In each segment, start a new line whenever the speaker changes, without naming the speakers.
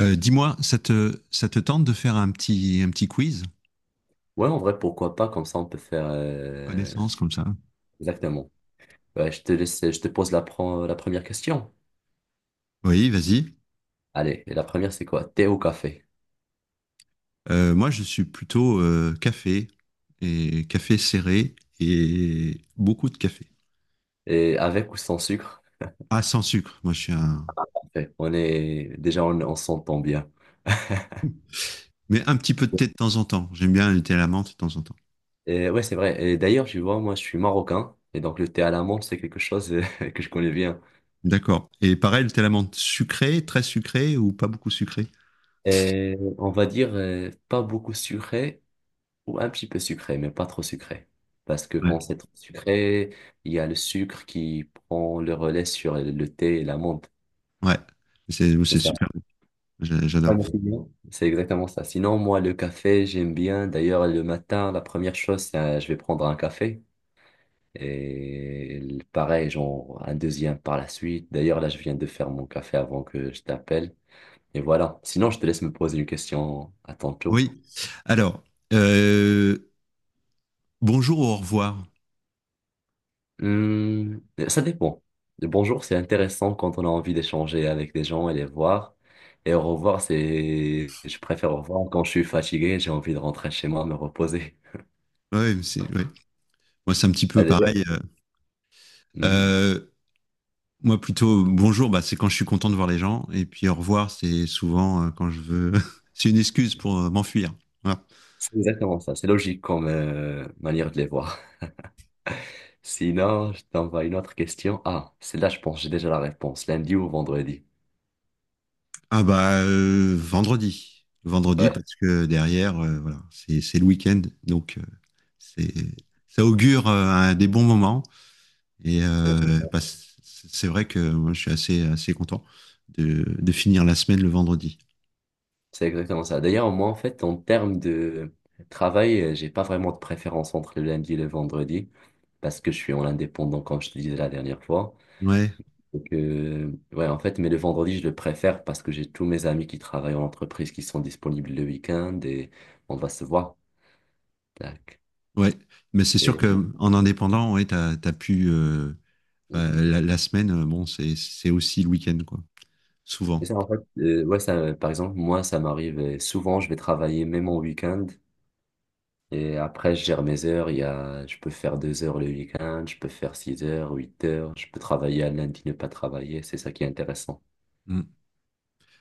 Dis-moi, ça te tente de faire un petit quiz
Ouais, en vrai, pourquoi pas, comme ça on peut faire...
connaissance comme ça?
Exactement. Ouais, je te laisse, je te pose la première question.
Oui, vas-y.
Allez, et la première c'est quoi? Thé ou café?
Moi, je suis plutôt café, et café serré, et beaucoup de café.
Et avec ou sans sucre?
Ah, sans sucre. Moi, je suis un.
Café. On est... Déjà, on s'entend bien.
Mais un petit peu de thé de temps en temps. J'aime bien le thé à la menthe de temps en temps.
Et ouais, c'est vrai. Et d'ailleurs, tu vois, moi je suis marocain, et donc le thé à l'amande, c'est quelque chose que je connais bien.
D'accord. Et pareil, le thé à la menthe sucré, très sucré ou pas beaucoup sucré?
Et on va dire pas beaucoup sucré, ou un petit peu sucré, mais pas trop sucré. Parce que quand
Ouais.
c'est trop sucré, il y a le sucre qui prend le relais sur le thé et l'amande.
Ouais. C'est
C'est
c'est
ça.
super.
Pas
J'adore.
d'incident. C'est exactement ça. Sinon, moi, le café, j'aime bien. D'ailleurs, le matin, la première chose, c'est je vais prendre un café. Et pareil, genre un deuxième par la suite. D'ailleurs, là, je viens de faire mon café avant que je t'appelle. Et voilà. Sinon, je te laisse me poser une question à ton tour.
Oui. Alors, euh, bonjour, au revoir.
Hmm, ça dépend. Le bonjour, c'est intéressant quand on a envie d'échanger avec des gens et les voir. Et au revoir, c'est, je préfère au revoir quand je suis fatigué, j'ai envie de rentrer chez moi, me reposer.
Ouais, mais c'est. Moi, c'est un petit
Ah,
peu
d'ailleurs,
pareil.
hmm.
Euh, Moi, plutôt, bonjour, bah, c'est quand je suis content de voir les gens. Et puis, au revoir, c'est souvent quand je veux. C'est une excuse pour m'enfuir. Voilà.
C'est exactement ça. C'est logique comme manière de les voir. Sinon, je t'envoie une autre question. Ah, celle-là, je pense, que j'ai déjà la réponse. Lundi ou vendredi.
Ah, bah, vendredi. Vendredi,
Ouais,
parce que derrière, voilà, c'est le week-end. Donc, c'est ça augure des bons moments. Et
c'est exactement
bah, c'est vrai que moi, je suis assez content de finir la semaine le vendredi.
c'est exactement ça. D'ailleurs, moi, en fait, en termes de travail, j'ai pas vraiment de préférence entre le lundi et le vendredi parce que je suis en indépendant, comme je te disais la dernière fois.
Ouais,
Donc, ouais, en fait, mais le vendredi, je le préfère parce que j'ai tous mes amis qui travaillent en entreprise qui sont disponibles le week-end et on va se voir. Tac.
ouais. Mais c'est sûr
Et
que en indépendant, ouais, t'as pu. Enfin, la semaine, bon, c'est aussi le week-end, quoi.
c'est
Souvent.
ça, en fait, ouais, ça, par exemple, moi, ça m'arrive souvent, je vais travailler même en week-end et après, je gère mes heures. Il y a, je peux faire 2 heures le week-end, je peux faire 6 heures, 8 heures, je peux travailler à lundi, ne pas travailler. C'est ça qui est intéressant.
Mm.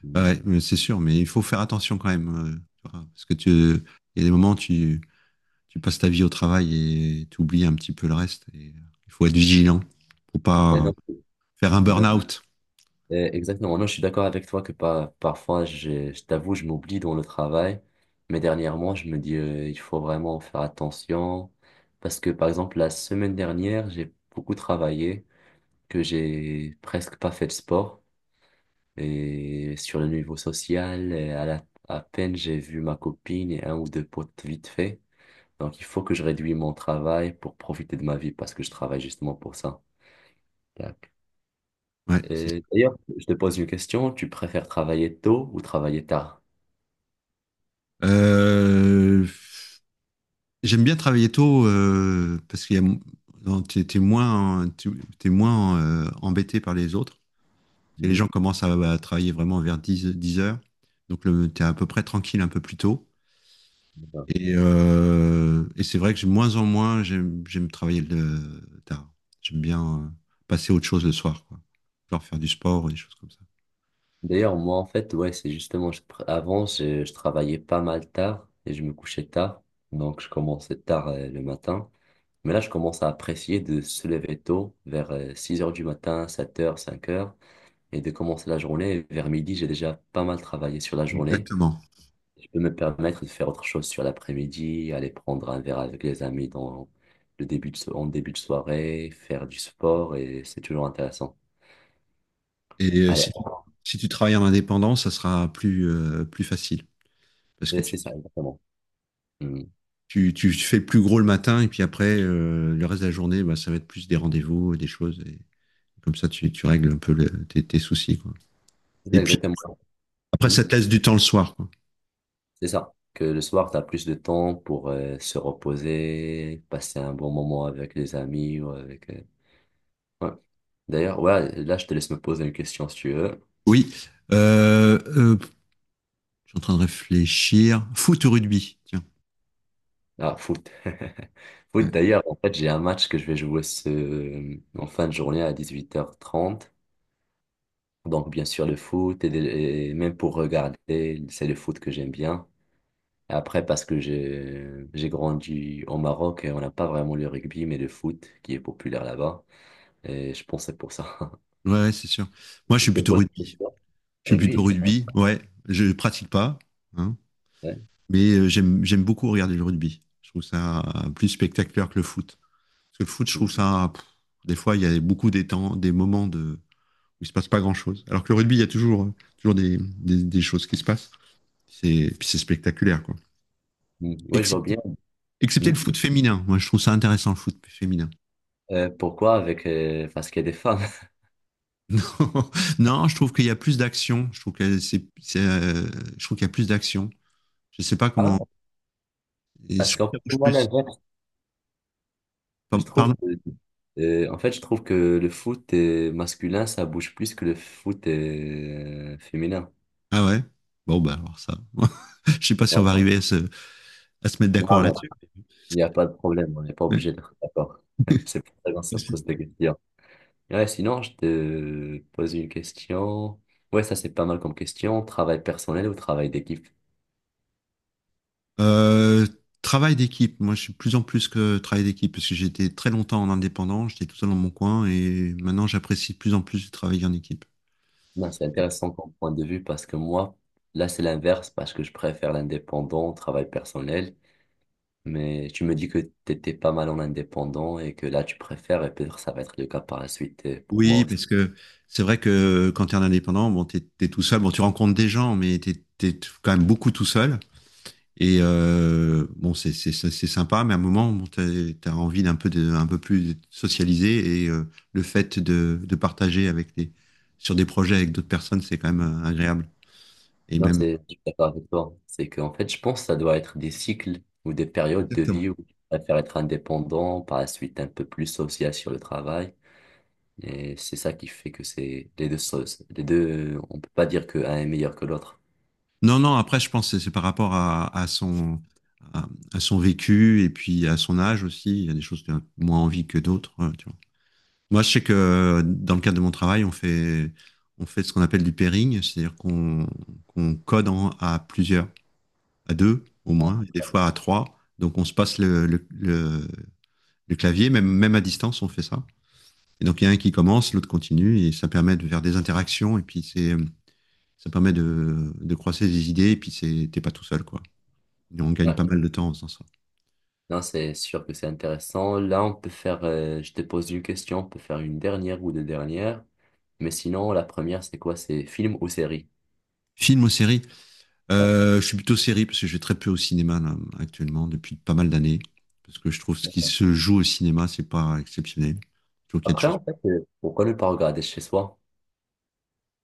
Mm.
Ouais, mais c'est sûr, mais il faut faire attention quand même. Tu vois, parce que il y a des moments où tu passes ta vie au travail, et tu oublies un petit peu le reste. Et il faut être vigilant pour
Et
pas
non,
faire un
et non,
burn-out.
et exactement. Non, je suis d'accord avec toi que pas, parfois, je t'avoue, je m'oublie dans le travail, mais dernièrement, je me dis, il faut vraiment faire attention parce que, par exemple, la semaine dernière, j'ai beaucoup travaillé, que j'ai presque pas fait de sport. Et sur le niveau social, à peine j'ai vu ma copine et un ou deux potes vite fait. Donc il faut que je réduise mon travail pour profiter de ma vie parce que je travaille justement pour ça. Tac.
Ouais, c'est
Et
sûr.
d'ailleurs, je te pose une question, tu préfères travailler tôt ou travailler tard?
euh, J'aime bien travailler tôt parce que tu t'es t'es moins, t'es moins embêté par les autres. Les gens
Mhm.
commencent à travailler vraiment vers 10 h. Donc, tu es à peu près tranquille un peu plus tôt.
D'accord.
Et c'est vrai que de moins en moins, j'aime travailler le tard. J'aime bien passer à autre chose le soir, quoi. Genre faire du sport ou des choses comme ça.
D'ailleurs, moi en fait, ouais, c'est justement, avant, je travaillais pas mal tard et je me couchais tard. Donc je commençais tard le matin. Mais là, je commence à apprécier de se lever tôt, vers 6 heures du matin, 7 heures 5 heures et de commencer la journée. Vers midi, j'ai déjà pas mal travaillé sur la journée.
Exactement.
Je peux me permettre de faire autre chose sur l'après-midi, aller prendre un verre avec les amis dans le début de, en début de soirée, faire du sport et c'est toujours intéressant.
Et si
Allez,
tu, si tu travailles en indépendant, ça sera plus facile. Parce que
c'est ça exactement. Mm.
tu fais le plus gros le matin, et puis après, le reste de la journée, bah, ça va être plus des rendez-vous et des choses. Et comme ça, tu règles un peu tes soucis, quoi.
C'est
Et
ça
puis,
exactement.
après,
Mm.
ça te laisse du temps le soir. Quoi.
C'est ça. Que le soir, tu as plus de temps pour se reposer, passer un bon moment avec les amis ou avec... ouais. D'ailleurs, ouais, là, je te laisse me poser une question si tu veux.
Oui. Euh, euh, je suis en train de réfléchir. Foot ou rugby? Tiens.
Ah, foot. Foot,
Ouais,
d'ailleurs, en fait, j'ai un match que je vais jouer ce... en fin de journée à 18h30. Donc, bien sûr, le foot, et même pour regarder, c'est le foot que j'aime bien. Après, parce que j'ai grandi au Maroc et on n'a pas vraiment le rugby, mais le foot qui est populaire là-bas. Et je pense que c'est pour ça.
Ouais, ouais, c'est sûr. Moi, je suis
C'est
plutôt
pour
rugby.
ça.
Je suis plutôt
Rugby.
rugby. Ouais, je pratique pas, hein,
Ouais.
mais euh, j'aime beaucoup regarder le rugby. Je trouve ça plus spectaculaire que le foot. Parce que le foot, je trouve ça. Des fois, il y a beaucoup des temps, des moments de où il se passe pas grand chose. Alors que le rugby, il y a toujours des choses qui se passent. C'est puis c'est spectaculaire quoi.
Mm. Ouais, je vois bien.
Excepté Excepté le
Mm.
foot féminin. Moi, je trouve ça intéressant, le foot féminin.
Pourquoi avec... parce qu'il y a des femmes.
Non, non, je trouve qu'il y a plus d'action. Je trouve que je trouve qu'il y a plus d'action. Je sais pas
Ah,
comment. Et je
parce
trouve que
qu'en
ça
fait,
bouge
moi, la
plus.
je trouve
Pardon?
que, en fait, je trouve que le foot masculin, ça bouge plus que le foot féminin.
Ah ouais? Bon, bah, alors ça. Je sais pas si on va
Non,
arriver à à se mettre d'accord
non, mais
là-dessus.
il n'y a pas de problème, on n'est pas
Ouais.
obligé d'être d'accord. C'est pour ça qu'on se pose des questions. Ouais, sinon, je te pose une question. Ouais, ça, c'est pas mal comme question. Travail personnel ou travail d'équipe?
Euh, Travail d'équipe. Moi, je suis plus en plus que travail d'équipe parce que j'étais très longtemps en indépendant. J'étais tout seul dans mon coin et maintenant, j'apprécie de plus en plus de travailler en équipe.
Non, c'est intéressant comme point de vue parce que moi, là, c'est l'inverse parce que je préfère l'indépendant, au travail personnel. Mais tu me dis que tu étais pas mal en indépendant et que là, tu préfères, et peut-être ça va être le cas par la suite pour moi
Oui,
aussi.
parce que c'est vrai que quand tu es un indépendant, bon, t'es tout seul, bon, tu rencontres des gens, mais t'es quand même beaucoup tout seul. Et bon, c'est sympa, mais à un moment, bon, t'as envie un peu plus de socialiser, et le fait de partager sur des projets avec d'autres personnes, c'est quand même agréable. Et
Non,
même.
c'est, je suis d'accord avec toi. C'est qu'en fait, je pense que ça doit être des cycles ou des périodes de
Exactement.
vie où tu préfères être indépendant, par la suite un peu plus social sur le travail. Et c'est ça qui fait que c'est les deux choses. Les deux, on peut pas dire qu'un est meilleur que l'autre.
Non, non. Après, je pense que c'est par rapport à, à son vécu, et puis à son âge aussi. Il y a des choses qu'on a moins envie que d'autres, tu vois. Moi, je sais que dans le cadre de mon travail, on fait ce qu'on appelle du pairing, c'est-à-dire qu'on code à plusieurs, à 2 au moins, et des fois à 3. Donc, on se passe le clavier, même à distance, on fait ça. Et donc, il y a un qui commence, l'autre continue, et ça permet de faire des interactions, et puis ça permet de croiser des idées, et puis c'est, t'es pas tout seul, quoi. Et on gagne pas
Ouais.
mal de temps en faisant ça.
Non, c'est sûr que c'est intéressant. Là, on peut faire, je te pose une question, on peut faire une dernière ou deux dernières. Mais sinon, la première, c'est quoi? C'est film ou série?
Film ou série?
Ah.
Je suis plutôt série parce que je vais très peu au cinéma là, actuellement depuis pas mal d'années, parce que je trouve ce qui se joue au cinéma c'est pas exceptionnel. Je trouve qu'il y a des
Après,
choses.
en fait, pourquoi ne pas regarder chez soi?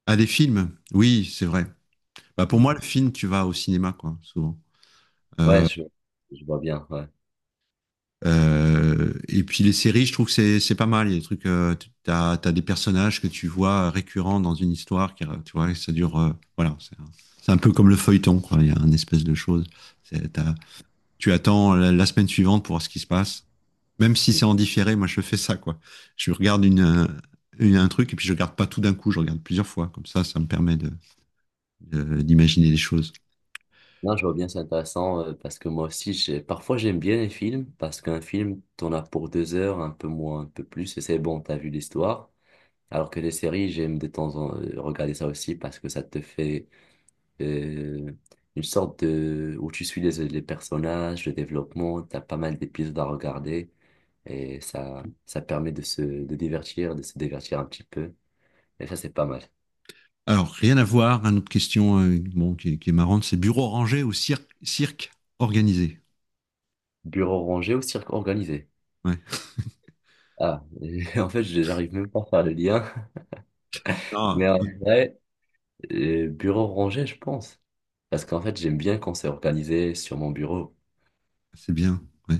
Ah, des films, oui, c'est vrai. Bah, pour moi
Mm.
le film tu vas au cinéma quoi souvent.
Ouais,
Euh,
je, je vois bien. Ouais.
et puis les séries je trouve que c'est pas mal. Il y a des trucs t'as des personnages que tu vois récurrents dans une histoire qui tu vois, et ça dure voilà c'est un peu comme le feuilleton quoi. Il y a un espèce de chose. C'est- t'as- Tu attends la la semaine suivante pour voir ce qui se passe. Même si
Mm.
c'est en différé, moi je fais ça, quoi. Je regarde un truc et puis je regarde pas tout d'un coup, je regarde plusieurs fois. Comme ça me permet d'imaginer des choses.
Non, je vois bien, c'est intéressant parce que moi aussi, parfois, j'aime bien les films parce qu'un film, t'en as pour 2 heures, un peu moins, un peu plus, et c'est bon, t'as vu l'histoire. Alors que les séries, j'aime de temps en temps regarder ça aussi parce que ça te fait euh, une sorte de où tu suis les personnages, le développement, t'as pas mal d'épisodes à regarder et ça permet de se de divertir, de se divertir un petit peu et ça c'est pas mal.
Alors, rien à voir, une autre question bon, qui est marrante, c'est bureau rangé ou cirque organisé?
Bureau rangé ou cirque organisé?
Ouais.
Ah, en fait, j'arrive même pas à faire le lien,
Ah,
mais en
ouais,
vrai, bureau rangé, je pense. Parce qu'en fait, j'aime bien quand c'est organisé sur mon bureau.
c'est bien. Ouais.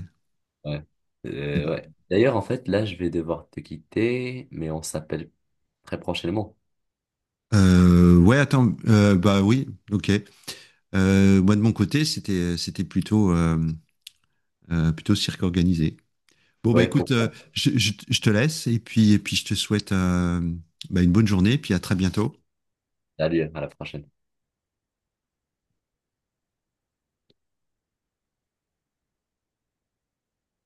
Ouais. Ouais. D'ailleurs, en fait, là, je vais devoir te quitter, mais on s'appelle très prochainement.
Ouais, attends, bah oui, ok. Moi de mon côté, c'était plutôt plutôt cirque organisé. Bon, bah
Ouais,
écoute,
pourquoi?
je te laisse et puis je te souhaite bah, une bonne journée et puis à très bientôt.
Salut, à la prochaine.